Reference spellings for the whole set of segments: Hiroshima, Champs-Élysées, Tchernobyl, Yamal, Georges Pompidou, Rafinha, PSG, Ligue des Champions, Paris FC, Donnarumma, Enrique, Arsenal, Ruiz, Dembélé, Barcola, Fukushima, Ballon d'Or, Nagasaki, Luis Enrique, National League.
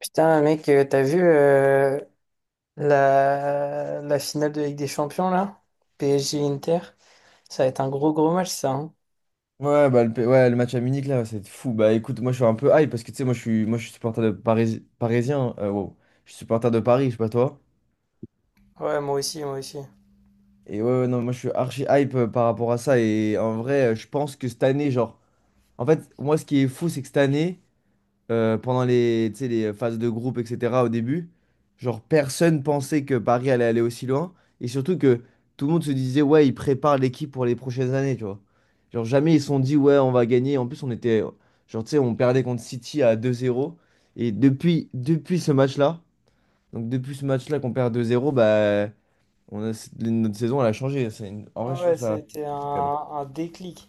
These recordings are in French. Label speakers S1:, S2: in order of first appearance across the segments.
S1: Putain, mec, t'as vu la finale de Ligue des Champions là? PSG-Inter? Ça va être un gros gros match ça. Hein.
S2: Ouais, bah, ouais, le match à Munich, là, c'est fou. Bah écoute, moi je suis un peu hype parce que tu sais, moi, je suis supporter de Paris, parisien, hein. Wow. Je suis supporter de Paris, je sais pas toi.
S1: Ouais, moi aussi, moi aussi.
S2: Et ouais, ouais, non, moi je suis archi hype, par rapport à ça. Et en vrai, je pense que cette année, genre, en fait, moi ce qui est fou, c'est que cette année, pendant, tu sais, les phases de groupe, etc., au début. Genre, personne pensait que Paris allait aller aussi loin. Et surtout que tout le monde se disait, ouais, ils préparent l'équipe pour les prochaines années, tu vois. Genre, jamais ils se sont dit, ouais, on va gagner. En plus, on était, genre, tu sais, on perdait contre City à 2-0. Depuis ce match-là, qu'on perd 2-0, bah notre saison, elle a changé. En vrai,
S1: Ah
S2: je
S1: ouais,
S2: trouve ça.
S1: c'était un déclic.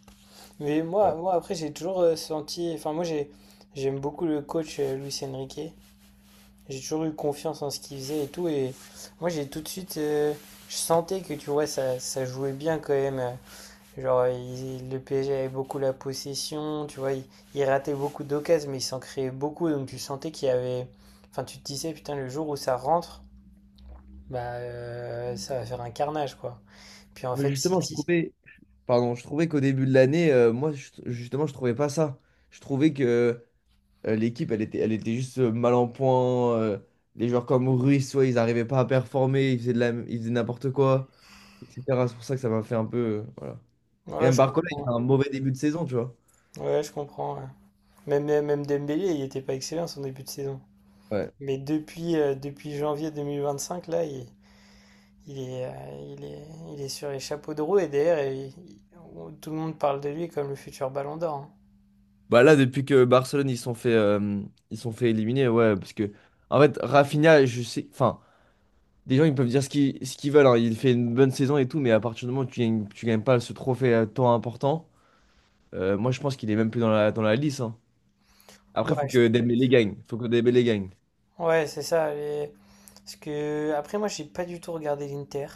S1: Mais moi,
S2: Ouais.
S1: moi après, j'ai toujours senti. Enfin, moi, j'ai, j'aime beaucoup le coach Luis Enrique. J'ai toujours eu confiance en ce qu'il faisait et tout. Et moi, j'ai tout de suite. Je sentais que, tu vois, ça jouait bien quand même. Genre, le PSG avait beaucoup la possession, tu vois, il ratait beaucoup d'occasions, mais il s'en créait beaucoup, donc tu sentais qu'il y avait... Enfin, tu te disais, putain, le jour où ça rentre, bah, ça va faire un carnage, quoi. Puis en
S2: Mais
S1: fait,
S2: justement, je
S1: City...
S2: trouvais. Pardon, je trouvais qu'au début de l'année, moi, justement, je trouvais pas ça. Je trouvais que l'équipe, elle était, juste mal en point. Les joueurs comme Ruiz, soit ils n'arrivaient pas à performer, ils faisaient n'importe quoi, etc. C'est pour ça que ça m'a fait un peu, voilà. Et
S1: Ouais,
S2: même
S1: je
S2: Barcola, il fait
S1: comprends.
S2: un mauvais début de saison, tu vois.
S1: Ouais, je comprends, ouais. Même Dembélé, il était pas excellent son début de saison.
S2: Ouais.
S1: Mais depuis, depuis janvier 2025, là, il est, il est, il est sur les chapeaux de roue, et derrière, tout le monde parle de lui comme le futur Ballon d'Or. Hein.
S2: Bah là, depuis que Barcelone, ils sont fait éliminer, ouais, parce que, en fait, Rafinha, je sais, enfin, des gens, ils peuvent dire ce qu'ils veulent, hein, il fait une bonne saison et tout, mais à partir du moment où tu gagnes pas ce trophée à temps important. Moi, je pense qu'il est même plus dans la lice, hein. Après,
S1: Ouais,
S2: faut
S1: je
S2: que Dembélé gagne. Faut que Dembélé gagne.
S1: ouais, c'est ça. Parce que après, moi, j'ai pas du tout regardé l'Inter.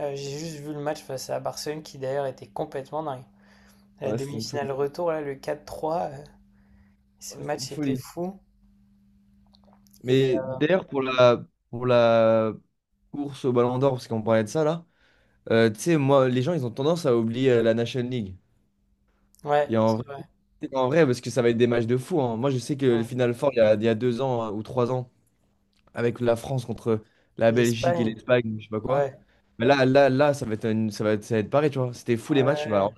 S1: J'ai juste vu le match face à Barcelone, qui d'ailleurs était complètement dingue. La
S2: Ouais, c'était une folie.
S1: demi-finale retour, là, le quatre trois ce
S2: Ouais, c'était une
S1: match était
S2: folie.
S1: fou. Et
S2: Mais d'ailleurs, pour la course au Ballon d'Or, parce qu'on parlait de ça là, tu sais, moi, les gens, ils ont tendance à oublier la National League.
S1: ouais,
S2: Et
S1: c'est vrai.
S2: en vrai, parce que ça va être des matchs de fou, hein. Moi, je sais que le
S1: Hmm.
S2: Final Four, il y a 2 ans ou 3 ans, avec la France contre la Belgique et
S1: L'Espagne,
S2: l'Espagne, je sais pas quoi.
S1: ouais,
S2: Mais là, là, là, ça va être pareil, tu vois. C'était fou, les matchs. Bah,
S1: ouais,
S2: alors,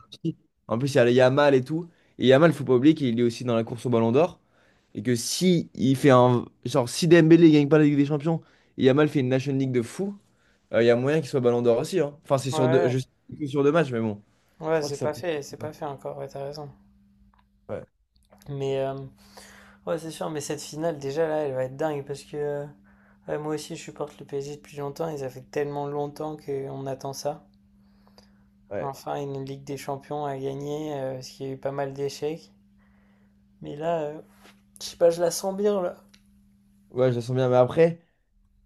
S2: en plus, il y a Yamal et tout. Et Yamal, faut pas oublier qu'il est aussi dans la course au Ballon d'Or. Et que si il fait un. Genre, si Dembélé gagne pas la Ligue des Champions et Yamal fait une National League de fou, il y a moyen qu'il soit Ballon d'Or aussi, hein. Enfin, c'est sur deux,
S1: ouais,
S2: je sais que c'est sur 2 matchs, mais bon. Je
S1: ouais,
S2: pense que ça peut.
S1: c'est pas fait encore. Ouais, t'as raison.
S2: Ouais,
S1: Mais ouais, c'est sûr. Mais cette finale, déjà là, elle va être dingue parce que ouais, moi aussi, je supporte le PSG depuis longtemps. Et ça fait tellement longtemps qu'on attend ça.
S2: ouais.
S1: Enfin, une Ligue des Champions à gagner, parce qu'il y a eu pas mal d'échecs. Mais là, je sais pas, je la sens bien là.
S2: Ouais, je le sens bien. Mais après,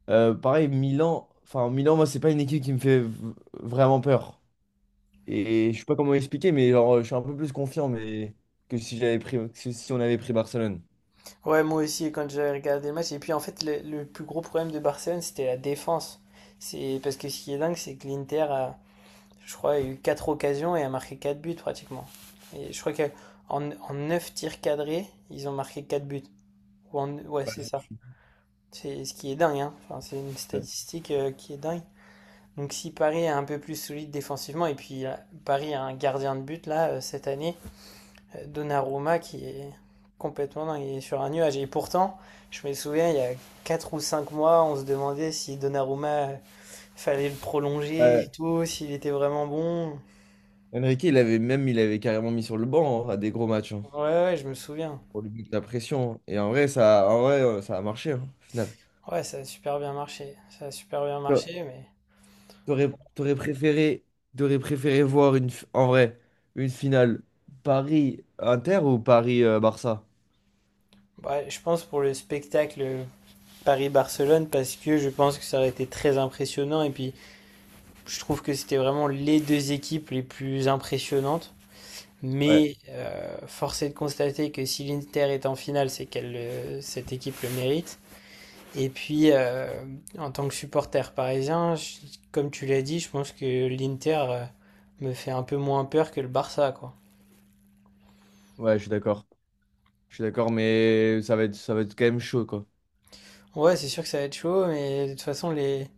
S2: pareil, Milan. Enfin, Milan, moi, c'est pas une équipe qui me fait vraiment peur. Et je sais pas comment expliquer, mais genre, je suis un peu plus confiant, mais... que si on avait pris Barcelone.
S1: Ouais, moi aussi, quand j'avais regardé le match. Et puis en fait, le plus gros problème de Barcelone, c'était la défense. C'est parce que ce qui est dingue, c'est que l'Inter a, je crois, a eu 4 occasions et a marqué 4 buts pratiquement. Et je crois qu'en 9 tirs cadrés, ils ont marqué 4 buts. Ouais, c'est ça. C'est ce qui est dingue, hein. Enfin, c'est une
S2: Ouais.
S1: statistique qui est dingue. Donc si Paris est un peu plus solide défensivement, et puis Paris a un gardien de but là cette année, Donnarumma qui est complètement dingue, il est sur un nuage. Et pourtant, je me souviens, il y a 4 ou 5 mois, on se demandait si Donnarumma fallait le prolonger et
S2: Ouais.
S1: tout, s'il était vraiment bon.
S2: Enrique, il avait carrément mis sur le banc, hein, à des gros matchs, hein,
S1: Ouais, ouais, je me souviens.
S2: pour lui mettre la pression, hein. Et en vrai, ça a marché, hein, au final.
S1: Ouais, ça a super bien marché. Ça a super bien
S2: Toi,
S1: marché, mais
S2: T'aurais, t'aurais préféré, t'aurais préféré voir en vrai, une finale Paris-Inter ou Paris-Barça?
S1: bah, je pense pour le spectacle Paris-Barcelone, parce que je pense que ça aurait été très impressionnant. Et puis je trouve que c'était vraiment les deux équipes les plus impressionnantes.
S2: Ouais,
S1: Mais force est de constater que si l'Inter est en finale, c'est qu'elle, cette équipe le mérite. Et puis, en tant que supporter parisien, comme tu l'as dit, je pense que l'Inter me fait un peu moins peur que le Barça, quoi.
S2: ouais, je suis d'accord. Je suis d'accord, mais ça va être quand même chaud, quoi.
S1: Ouais, c'est sûr que ça va être chaud, mais de toute façon,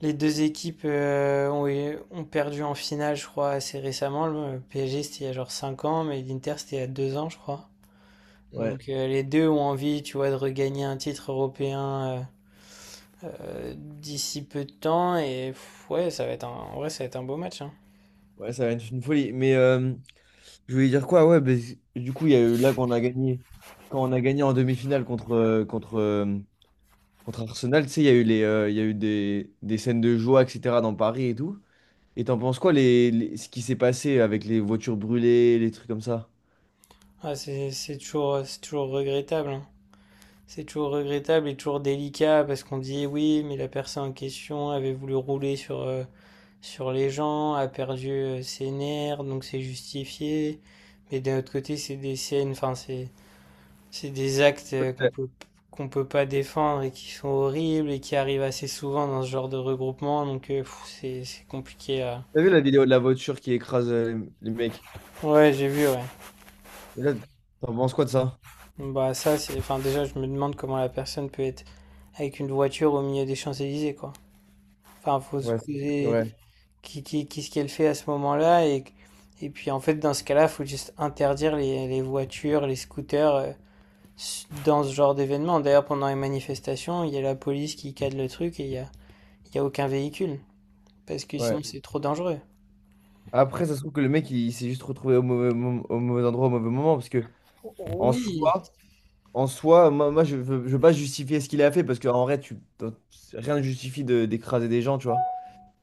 S1: les deux équipes ont, ont perdu en finale, je crois, assez récemment. Le PSG, c'était il y a genre 5 ans, mais l'Inter, c'était il y a 2 ans, je crois.
S2: Ouais,
S1: Donc les deux ont envie, tu vois, de regagner un titre européen d'ici peu de temps. Et pff, ouais, ça va être un, en vrai, ça va être un beau match. Hein.
S2: ouais, ça va être une folie. Je voulais dire quoi? Ouais, ben, du coup, il y a eu là qu'on a gagné. Quand on a gagné en demi-finale contre Arsenal, tu sais, il y a eu des scènes de joie, etc., dans Paris et tout. Et t'en penses quoi, ce qui s'est passé avec les voitures brûlées, les trucs comme ça?
S1: Ah, c'est toujours, c'est toujours regrettable. Hein. C'est toujours regrettable et toujours délicat parce qu'on dit oui, mais la personne en question avait voulu rouler sur, sur les gens, a perdu ses nerfs, donc c'est justifié. Mais d'un autre côté, c'est des scènes, enfin, c'est des actes qu'on peut pas défendre et qui sont horribles et qui arrivent assez souvent dans ce genre de regroupement, donc c'est compliqué à...
S2: T'as vu la vidéo de la voiture qui écrase les mecs?
S1: Ouais, j'ai vu, ouais.
S2: Et là, t'en penses quoi de ça?
S1: Bah ça, c'est... Enfin, déjà, je me demande comment la personne peut être avec une voiture au milieu des Champs-Élysées, quoi. Enfin, faut se
S2: Ouais, c'est
S1: poser
S2: vrai.
S1: qu'est-ce qu'elle fait à ce moment-là et... Et puis, en fait, dans ce cas-là, faut juste interdire les voitures, les scooters dans ce genre d'événement. D'ailleurs, pendant les manifestations, il y a la police qui cadre le truc et il y a aucun véhicule. Parce que sinon
S2: Ouais.
S1: c'est trop dangereux.
S2: Après, ça se trouve que le mec, il s'est juste retrouvé au mauvais endroit, au mauvais moment, parce que en
S1: Oui,
S2: soi. En soi, moi, je veux pas justifier ce qu'il a fait parce qu'en vrai, rien ne justifie d'écraser des gens, tu vois.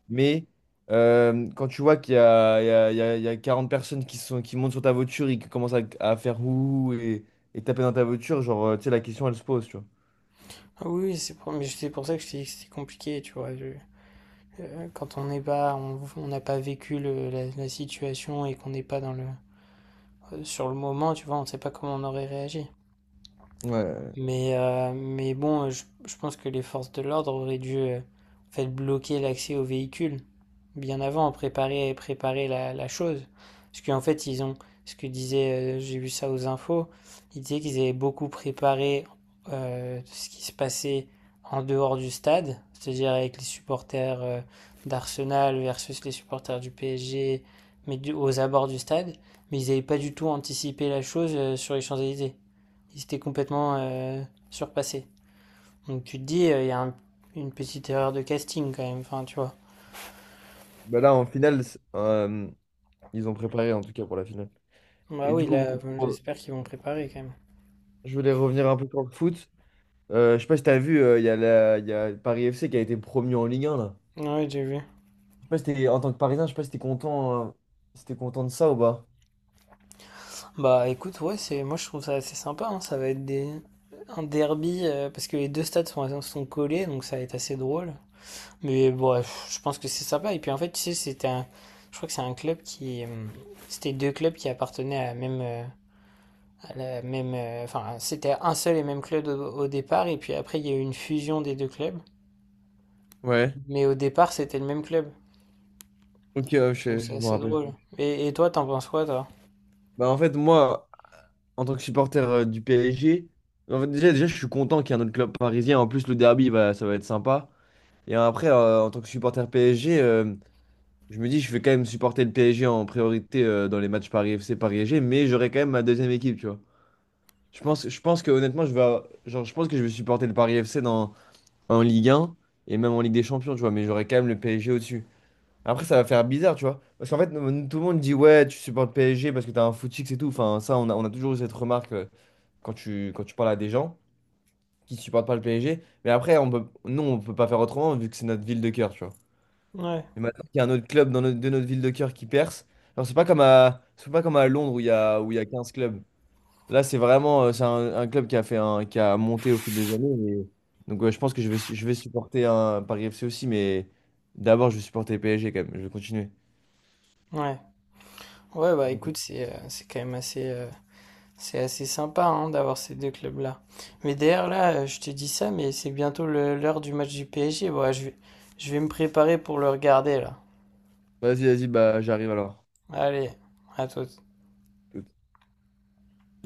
S2: Mais quand tu vois qu'il y a, il y a, il y a- il y a 40 personnes qui montent sur ta voiture et qui commencent à faire ouh et taper dans ta voiture, genre, tu sais, la question, elle se pose, tu vois.
S1: ah oui, oui, c'est pour, mais c'est pour ça que je t'ai dit que c'était compliqué, tu vois. Euh, quand on n'est pas, on n'a pas vécu la, la situation et qu'on n'est pas dans le, sur le moment, tu vois, on ne sait pas comment on aurait réagi.
S2: Ouais. Ouais.
S1: Mais bon, je pense que les forces de l'ordre auraient dû en fait, bloquer l'accès aux véhicules bien avant, préparer, préparer la, la chose. Parce qu'en fait, ils ont, ce que disait, j'ai vu ça aux infos, ils disaient qu'ils avaient beaucoup préparé ce qui se passait en dehors du stade, c'est-à-dire avec les supporters d'Arsenal versus les supporters du PSG, mais aux abords du stade. Mais ils n'avaient pas du tout anticipé la chose sur les Champs-Élysées. Ils étaient complètement surpassés. Donc tu te dis, il y a un- une petite erreur de casting quand même, enfin tu vois.
S2: Bah là, en finale, ils ont préparé en tout cas pour la finale.
S1: Bah
S2: Et du
S1: oui,
S2: coup, bon,
S1: là, bon,
S2: pour-
S1: j'espère qu'ils vont préparer quand
S2: je voulais revenir un peu sur le foot. Je sais pas si t'as vu, il y a Paris FC qui a été promu en Ligue 1, là.
S1: même. Ouais, j'ai vu.
S2: Sais pas si t'es- En tant que Parisien, je sais pas si t'es content, si t'es content de ça ou pas.
S1: Bah écoute, ouais, c'est, moi je trouve ça assez sympa, hein. Ça va être des, un derby, parce que les deux stades sont, sont collés, donc ça va être assez drôle. Mais bref, je pense que c'est sympa. Et puis en fait, tu sais, c'était un, je crois que c'est un club qui, c'était deux clubs qui appartenaient à la même, enfin, c'était un seul et même club au, au départ, et puis après, il y a eu une fusion des deux clubs.
S2: Ouais,
S1: Mais au départ, c'était le même club.
S2: ok, ouais,
S1: Donc c'est
S2: je me
S1: assez
S2: rappelle.
S1: drôle. Et toi, t'en penses quoi, toi?
S2: Bah, en fait, moi, en tant que supporter du PSG, en fait, déjà, je suis content qu'il y ait un autre club parisien. En plus, le derby, bah, ça va être sympa. Et après, en tant que supporter PSG, je me dis, je vais quand même supporter le PSG en priorité dans les matchs Paris FC, Paris SG, mais j'aurai quand même ma deuxième équipe, tu vois. Je pense que, honnêtement, genre, je pense que je vais supporter le Paris FC en Ligue 1 et même en Ligue des Champions, tu vois, mais j'aurai quand même le PSG au-dessus. Après, ça va faire bizarre, tu vois. Parce qu'en fait, tout le monde dit, ouais, tu supportes PSG parce que t'as un footix et tout. Enfin, ça, on a toujours eu cette remarque quand quand tu parles à des gens qui supportent pas le PSG. Mais après, on peut, nous, on peut pas faire autrement vu que c'est notre ville de cœur, tu vois.
S1: Ouais,
S2: Et maintenant qu'il y a un autre club dans de notre ville de cœur qui perce, alors c'est pas comme à Londres où où il y a 15 clubs. Là, c'est vraiment, c'est un club qui a fait un, qui a monté au fil des années. Donc, ouais, je pense que je vais supporter un Paris FC aussi, mais d'abord, je vais supporter PSG quand même. Je vais continuer.
S1: ouais. Ouais, bah écoute, c'est quand même assez, c'est assez sympa hein, d'avoir ces deux clubs-là. Mais d'ailleurs, là, je te dis ça, mais c'est bientôt l'heure du match du PSG. Bon, ouais, je vais me préparer pour le regarder, là.
S2: Vas-y, vas-y, bah j'arrive alors.
S1: Allez, à toi.